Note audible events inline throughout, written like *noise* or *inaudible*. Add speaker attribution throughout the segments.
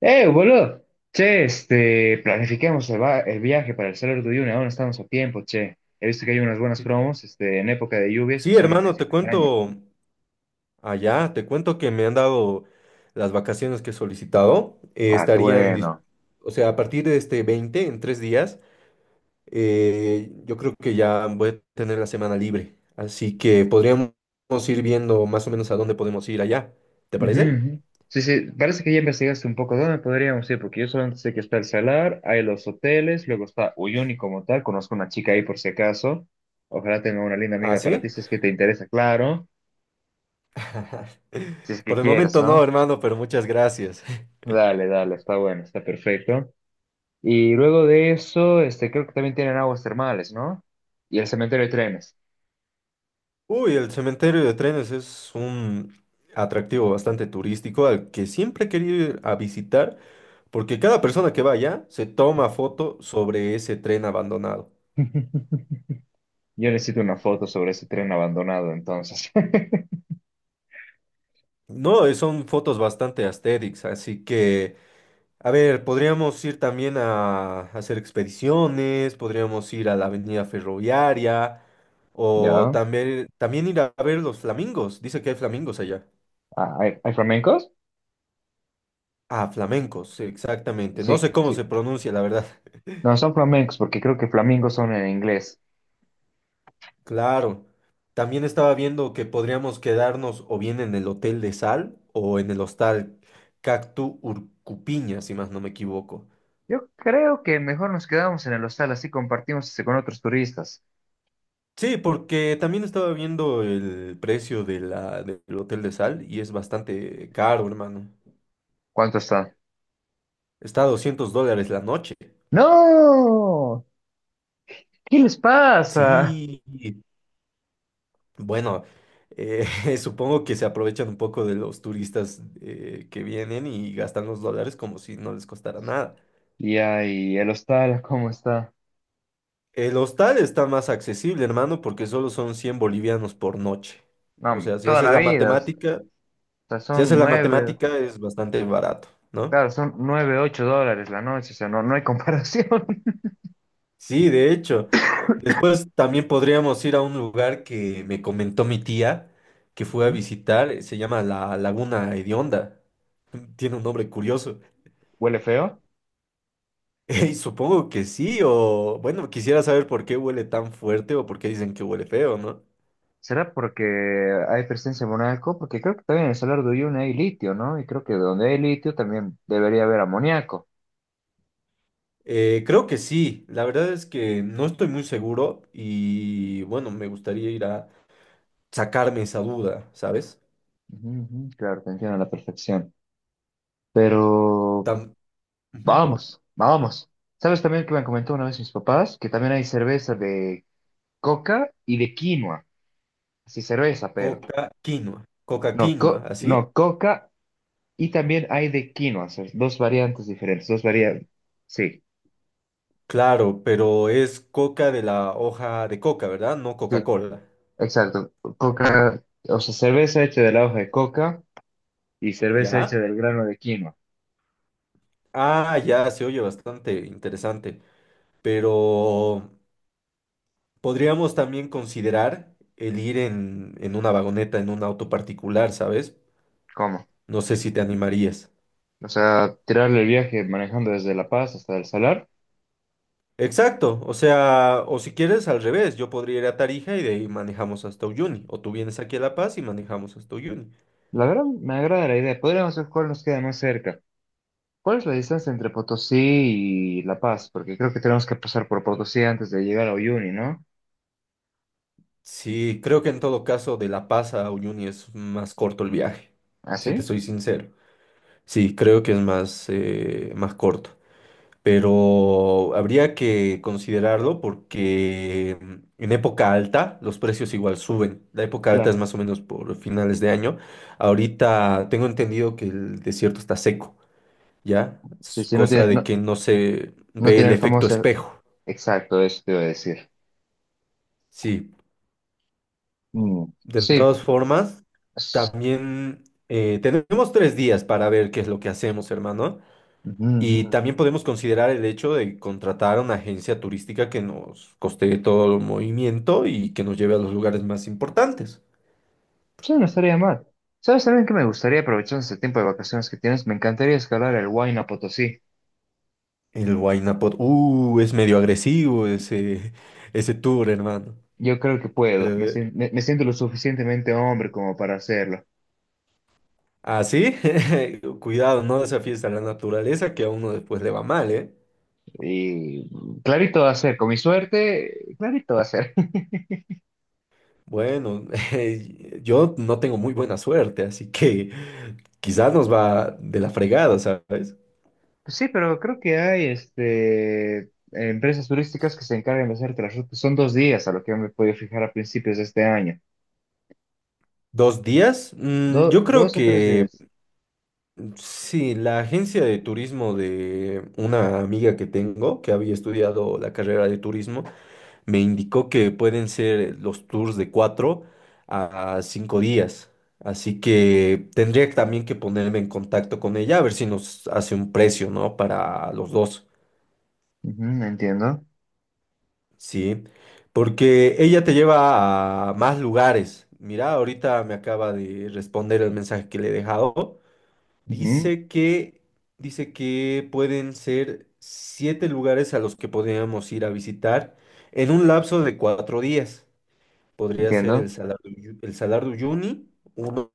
Speaker 1: Boludo. Che, este, planifiquemos el viaje para el Salar de Uyuni. Aún estamos a tiempo, che. He visto que hay unas buenas
Speaker 2: Sí,
Speaker 1: promos, este, en época de lluvias que
Speaker 2: sí,
Speaker 1: son a
Speaker 2: hermano,
Speaker 1: principios de año.
Speaker 2: te cuento que me han dado las vacaciones que he solicitado.
Speaker 1: Ah, qué
Speaker 2: Estarían,
Speaker 1: bueno.
Speaker 2: o sea, a partir de este 20 en 3 días. Yo creo que ya voy a tener la semana libre. Así que podríamos ir viendo más o menos a dónde podemos ir allá. ¿Te
Speaker 1: Ujú,
Speaker 2: parece?
Speaker 1: ujú. Sí, sí, parece que ya investigaste un poco dónde podríamos ir, porque yo solamente sé que está el Salar, hay los hoteles, luego está Uyuni como tal, conozco una chica ahí por si acaso, ojalá tenga una linda
Speaker 2: ¿Ah,
Speaker 1: amiga para ti
Speaker 2: sí?
Speaker 1: si es que te interesa, claro,
Speaker 2: *laughs*
Speaker 1: si es que
Speaker 2: Por el
Speaker 1: quieres,
Speaker 2: momento no,
Speaker 1: ¿no?
Speaker 2: hermano, pero muchas gracias.
Speaker 1: Dale, dale, está bueno, está perfecto. Y luego de eso, este, creo que también tienen aguas termales, ¿no? Y el cementerio de trenes.
Speaker 2: Uy, el cementerio de trenes es un atractivo bastante turístico al que siempre he querido ir a visitar. Porque cada persona que vaya se toma foto sobre ese tren abandonado.
Speaker 1: *laughs* Yo necesito una foto sobre ese tren abandonado, entonces.
Speaker 2: No, son fotos bastante aesthetics, así que, a ver, podríamos ir también a hacer expediciones, podríamos ir a la avenida ferroviaria,
Speaker 1: *laughs*
Speaker 2: o
Speaker 1: ¿Ya?
Speaker 2: también ir a ver los flamingos. Dice que hay flamingos allá.
Speaker 1: Ah, ¿hay flamencos?
Speaker 2: Ah, flamencos, exactamente. No
Speaker 1: Sí,
Speaker 2: sé cómo
Speaker 1: sí.
Speaker 2: se pronuncia, la verdad.
Speaker 1: No, son flamencos porque creo que flamingos son en inglés.
Speaker 2: Claro. También estaba viendo que podríamos quedarnos o bien en el Hotel de Sal o en el Hostal Cactu Urcupiña, si más no me equivoco.
Speaker 1: Yo creo que mejor nos quedamos en el hostal, así compartimos este con otros turistas.
Speaker 2: Sí, porque también estaba viendo el precio de la, del Hotel de Sal y es bastante caro, hermano.
Speaker 1: ¿Cuánto está?
Speaker 2: Está a $200 la noche.
Speaker 1: ¡No! ¿Qué les pasa?
Speaker 2: Sí, bueno, eh, *laughs* supongo que se aprovechan un poco de los turistas que vienen y gastan los dólares como si no les costara nada.
Speaker 1: Y ahí, el hostal, ¿cómo está?
Speaker 2: El hostal está más accesible, hermano, porque solo son 100 bolivianos por noche. O
Speaker 1: No,
Speaker 2: sea, si
Speaker 1: toda
Speaker 2: haces
Speaker 1: la
Speaker 2: la
Speaker 1: vida. O
Speaker 2: matemática,
Speaker 1: sea,
Speaker 2: si haces
Speaker 1: son
Speaker 2: la
Speaker 1: nueve.
Speaker 2: matemática es bastante barato, ¿no?
Speaker 1: Claro, son 9 $8 la noche, o sea, no, no hay comparación.
Speaker 2: Sí, de hecho. Después también podríamos ir a un lugar que me comentó mi tía
Speaker 1: *laughs*
Speaker 2: que fue a
Speaker 1: ¿Mm?
Speaker 2: visitar, se llama la Laguna Hedionda. *laughs* Tiene un nombre curioso. *laughs*
Speaker 1: ¿Huele feo?
Speaker 2: Y supongo que sí, o bueno, quisiera saber por qué huele tan fuerte o por qué dicen que huele feo, ¿no?
Speaker 1: ¿Será porque hay presencia de monaco? Porque creo que también en el Salar de Uyuni hay litio, ¿no? Y creo que donde hay litio también debería haber amoníaco.
Speaker 2: Creo que sí, la verdad es que no estoy muy seguro y bueno, me gustaría ir a sacarme esa duda, ¿sabes?
Speaker 1: Ujú, ujú, claro, te entiendo a la perfección. Pero
Speaker 2: Tam- Ujú.
Speaker 1: vamos, vamos. ¿Sabes también que me comentó una vez mis papás? Que también hay cerveza de coca y de quinoa. Sí cerveza, pero.
Speaker 2: Coca
Speaker 1: No,
Speaker 2: quinoa, ¿así?
Speaker 1: coca. Y también hay de quinoa, o sea, dos variantes diferentes, dos variantes. Sí,
Speaker 2: Claro, pero es coca de la hoja de coca, ¿verdad? No
Speaker 1: sí,
Speaker 2: Coca-Cola,
Speaker 1: exacto. Coca, o sea, cerveza hecha de la hoja de coca y cerveza hecha
Speaker 2: ¿ya?
Speaker 1: del grano de quinoa.
Speaker 2: Ah, ya, se oye bastante interesante, pero podríamos también considerar el ir en una vagoneta, en un auto particular, ¿sabes?
Speaker 1: ¿Cómo?
Speaker 2: No sé si te animarías.
Speaker 1: O sea, tirarle el viaje manejando desde La Paz hasta El Salar.
Speaker 2: Exacto, o sea, o si quieres al revés, yo podría ir a Tarija y de ahí manejamos hasta Uyuni, o tú vienes aquí a La Paz y manejamos hasta Uyuni.
Speaker 1: La verdad, me agrada la idea. Podríamos ver cuál nos queda más cerca. ¿Cuál es la distancia entre Potosí y La Paz? Porque creo que tenemos que pasar por Potosí antes de llegar a Uyuni, ¿no?
Speaker 2: Sí, creo que en todo caso de La Paz a Uyuni es más corto el viaje,
Speaker 1: ¿Ah,
Speaker 2: si te
Speaker 1: sí?
Speaker 2: soy sincero. Sí, creo que es más, más corto, pero habría que considerarlo porque en época alta los precios igual suben. La época alta es
Speaker 1: Claro.
Speaker 2: más o menos por finales de año. Ahorita tengo entendido que el desierto está seco. ¿Ya?
Speaker 1: Sí,
Speaker 2: Es
Speaker 1: sí, no
Speaker 2: cosa
Speaker 1: tiene,
Speaker 2: de
Speaker 1: no,
Speaker 2: que no se
Speaker 1: no
Speaker 2: ve
Speaker 1: tiene
Speaker 2: el
Speaker 1: el
Speaker 2: efecto
Speaker 1: famoso.
Speaker 2: espejo.
Speaker 1: Exacto, eso te iba a decir.
Speaker 2: Sí,
Speaker 1: Mm,
Speaker 2: de
Speaker 1: sí,
Speaker 2: todas formas,
Speaker 1: es-
Speaker 2: también tenemos 3 días para ver qué es lo que hacemos, hermano.
Speaker 1: ujú, ujú,
Speaker 2: Y
Speaker 1: ujú.
Speaker 2: también podemos considerar el hecho de contratar a una agencia turística que nos costee todo el movimiento y que nos lleve a los lugares más importantes.
Speaker 1: Sí, no estaría mal. ¿Sabes también que me gustaría aprovechar ese tiempo de vacaciones que tienes? Me encantaría escalar el Huayna Potosí.
Speaker 2: El Huayna es medio agresivo ese, *laughs* ese tour, hermano.
Speaker 1: Yo creo que
Speaker 2: Pero,
Speaker 1: puedo. Me, sien- me- me siento lo suficientemente hombre como para hacerlo.
Speaker 2: así, *laughs* cuidado, no desafíes a la naturaleza que a uno después le va mal, ¿eh?
Speaker 1: Y clarito va a ser, con mi suerte, clarito va a ser. *laughs*
Speaker 2: Bueno, *laughs* yo no tengo muy buena suerte, así que quizás nos va de la fregada, ¿sabes?
Speaker 1: Sí, pero creo que hay este, empresas turísticas que se encargan de hacerte las rutas. Son 2 días a lo que yo me he podido fijar a principios de este año.
Speaker 2: ¿2 días? Yo creo
Speaker 1: Dos o tres
Speaker 2: que
Speaker 1: días.
Speaker 2: sí, la agencia de turismo de una amiga que tengo, que había estudiado la carrera de turismo, me indicó que pueden ser los tours de 4 a 5 días. Así que tendría también que ponerme en contacto con ella a ver si nos hace un precio, ¿no? Para los dos.
Speaker 1: Ujú, entiendo.
Speaker 2: Sí, porque ella te lleva a más lugares. Mira, ahorita me acaba de responder el mensaje que le he dejado.
Speaker 1: Ujú,
Speaker 2: Dice que, dice que pueden ser siete lugares a los que podríamos ir a visitar en un lapso de 4 días. Podría ser el
Speaker 1: entiendo.
Speaker 2: Salar de Uyuni, uno,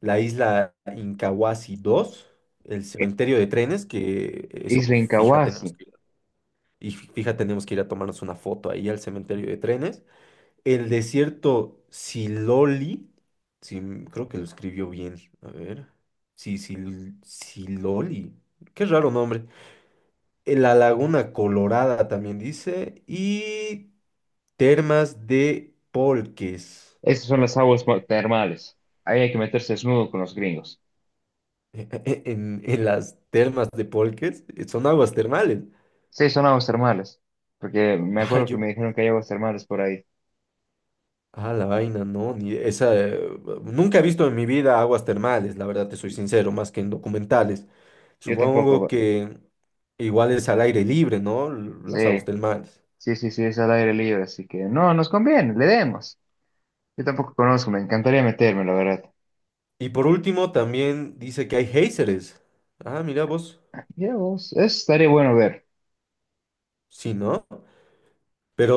Speaker 2: la isla Incahuasi, dos, el
Speaker 1: Eh,
Speaker 2: cementerio de trenes, que eso,
Speaker 1: Isla
Speaker 2: fíjate, ¿no?
Speaker 1: Incahuasi.
Speaker 2: Y fíjate, tenemos que ir a tomarnos una foto ahí al cementerio de trenes. El desierto Siloli, sí, creo que lo escribió bien. A ver. Sí, Siloli. Qué raro nombre. La Laguna Colorada también dice. Y termas de Polques.
Speaker 1: Esas son las aguas termales. Ahí hay que meterse desnudo con los gringos.
Speaker 2: *laughs* En las termas de Polques son aguas termales. *laughs*
Speaker 1: Sí, son aguas termales. Porque me
Speaker 2: Ah,
Speaker 1: acuerdo que
Speaker 2: yo,
Speaker 1: me dijeron que hay aguas termales por ahí.
Speaker 2: Ah, la vaina, no, ni esa. Nunca he visto en mi vida aguas termales, la verdad te soy sincero, más que en documentales.
Speaker 1: Yo tampoco.
Speaker 2: Supongo que igual es al aire libre, ¿no? Las
Speaker 1: Sí,
Speaker 2: aguas termales.
Speaker 1: sí, sí, sí, es al aire libre. Así que no, nos conviene, le demos. Yo tampoco conozco, me encantaría meterme, la verdad.
Speaker 2: Y por último, también dice que hay géiseres. Ah, mira vos,
Speaker 1: Ya vos, eso estaría bueno ver.
Speaker 2: sí, ¿no?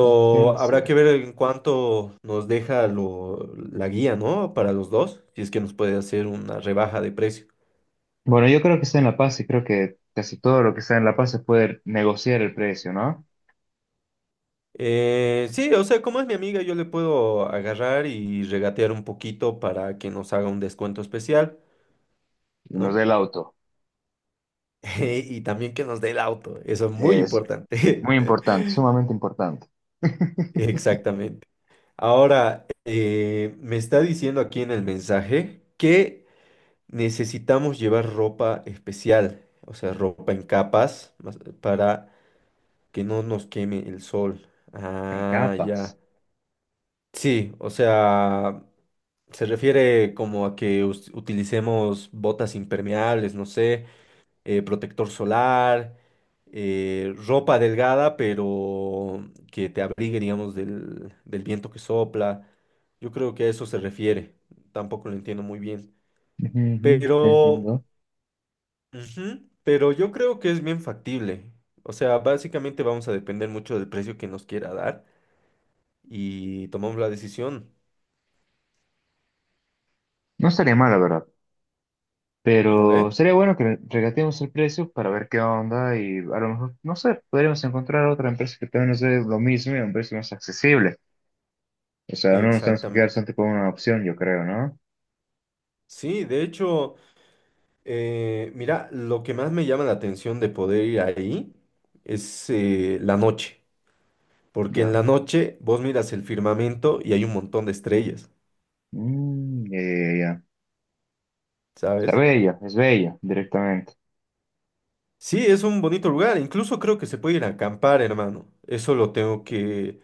Speaker 1: ¿Y qué
Speaker 2: habrá que
Speaker 1: decir?
Speaker 2: ver en cuánto nos deja lo, la guía, ¿no? Para los dos, si es que nos puede hacer una rebaja de precio.
Speaker 1: Bueno, yo creo que está en La Paz y creo que casi todo lo que está en La Paz se puede negociar el precio, ¿no?
Speaker 2: Sí, o sea, como es mi amiga, yo le puedo agarrar y regatear un poquito para que nos haga un descuento especial,
Speaker 1: Y nos dé
Speaker 2: ¿no?
Speaker 1: el auto.
Speaker 2: *laughs* Y también que nos dé el auto, eso es muy
Speaker 1: Eso.
Speaker 2: importante.
Speaker 1: Muy importante, sumamente importante.
Speaker 2: *laughs* Exactamente. Ahora, me está diciendo aquí en el mensaje que necesitamos llevar ropa especial, o sea, ropa en capas, para que no nos queme el sol.
Speaker 1: En
Speaker 2: Ah,
Speaker 1: capas.
Speaker 2: ya. Sí, o sea, se refiere como a que utilicemos botas impermeables, no sé, protector solar, ropa delgada, pero que te abrigue, digamos, del viento que sopla. Yo creo que a eso se refiere. Tampoco lo entiendo muy bien.
Speaker 1: Ujú, ujú,
Speaker 2: Pero,
Speaker 1: entiendo.
Speaker 2: ujú, pero yo creo que es bien factible. O sea, básicamente vamos a depender mucho del precio que nos quiera dar y tomamos la decisión,
Speaker 1: No estaría mal, la verdad.
Speaker 2: ¿no
Speaker 1: Pero
Speaker 2: ve?
Speaker 1: sería bueno que regateemos el precio para ver qué onda y a lo mejor, no sé, podríamos encontrar otra empresa que también nos dé lo mismo y a un precio más accesible. O sea, no nos tenemos que
Speaker 2: Exactamente.
Speaker 1: quedar solamente con una opción, yo creo, ¿no?
Speaker 2: Sí, de hecho, mira, lo que más me llama la atención de poder ir ahí es la noche, porque en
Speaker 1: Ya.
Speaker 2: la noche vos miras el firmamento y hay un montón de estrellas,
Speaker 1: Mm, ya, ya, ya. Está
Speaker 2: ¿sabes?
Speaker 1: bella, es bella, directamente.
Speaker 2: Sí, es un bonito lugar, incluso creo que se puede ir a acampar, hermano. Eso lo tengo que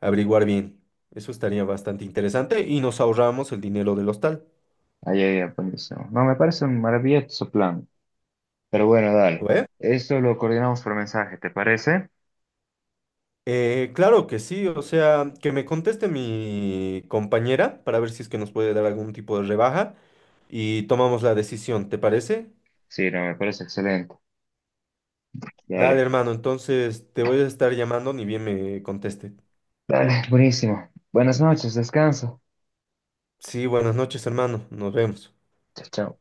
Speaker 2: averiguar bien. Eso estaría bastante interesante y nos ahorramos el dinero del hostal,
Speaker 1: Ahí, ahí, ya, buenísimo. No, me parece un maravilloso plan. Pero bueno,
Speaker 2: ¿lo
Speaker 1: dale.
Speaker 2: ve?
Speaker 1: Esto lo coordinamos por mensaje, ¿te parece?
Speaker 2: Claro que sí, o sea, que me conteste mi compañera para ver si es que nos puede dar algún tipo de rebaja. Y tomamos la decisión, ¿te parece?
Speaker 1: Sí, no, me parece excelente.
Speaker 2: Dale,
Speaker 1: Dale.
Speaker 2: hermano, entonces te voy a estar llamando ni bien me conteste.
Speaker 1: Dale, buenísimo. Buenas noches, descansa.
Speaker 2: Sí, buenas noches, hermano, nos vemos.
Speaker 1: Chao, chao.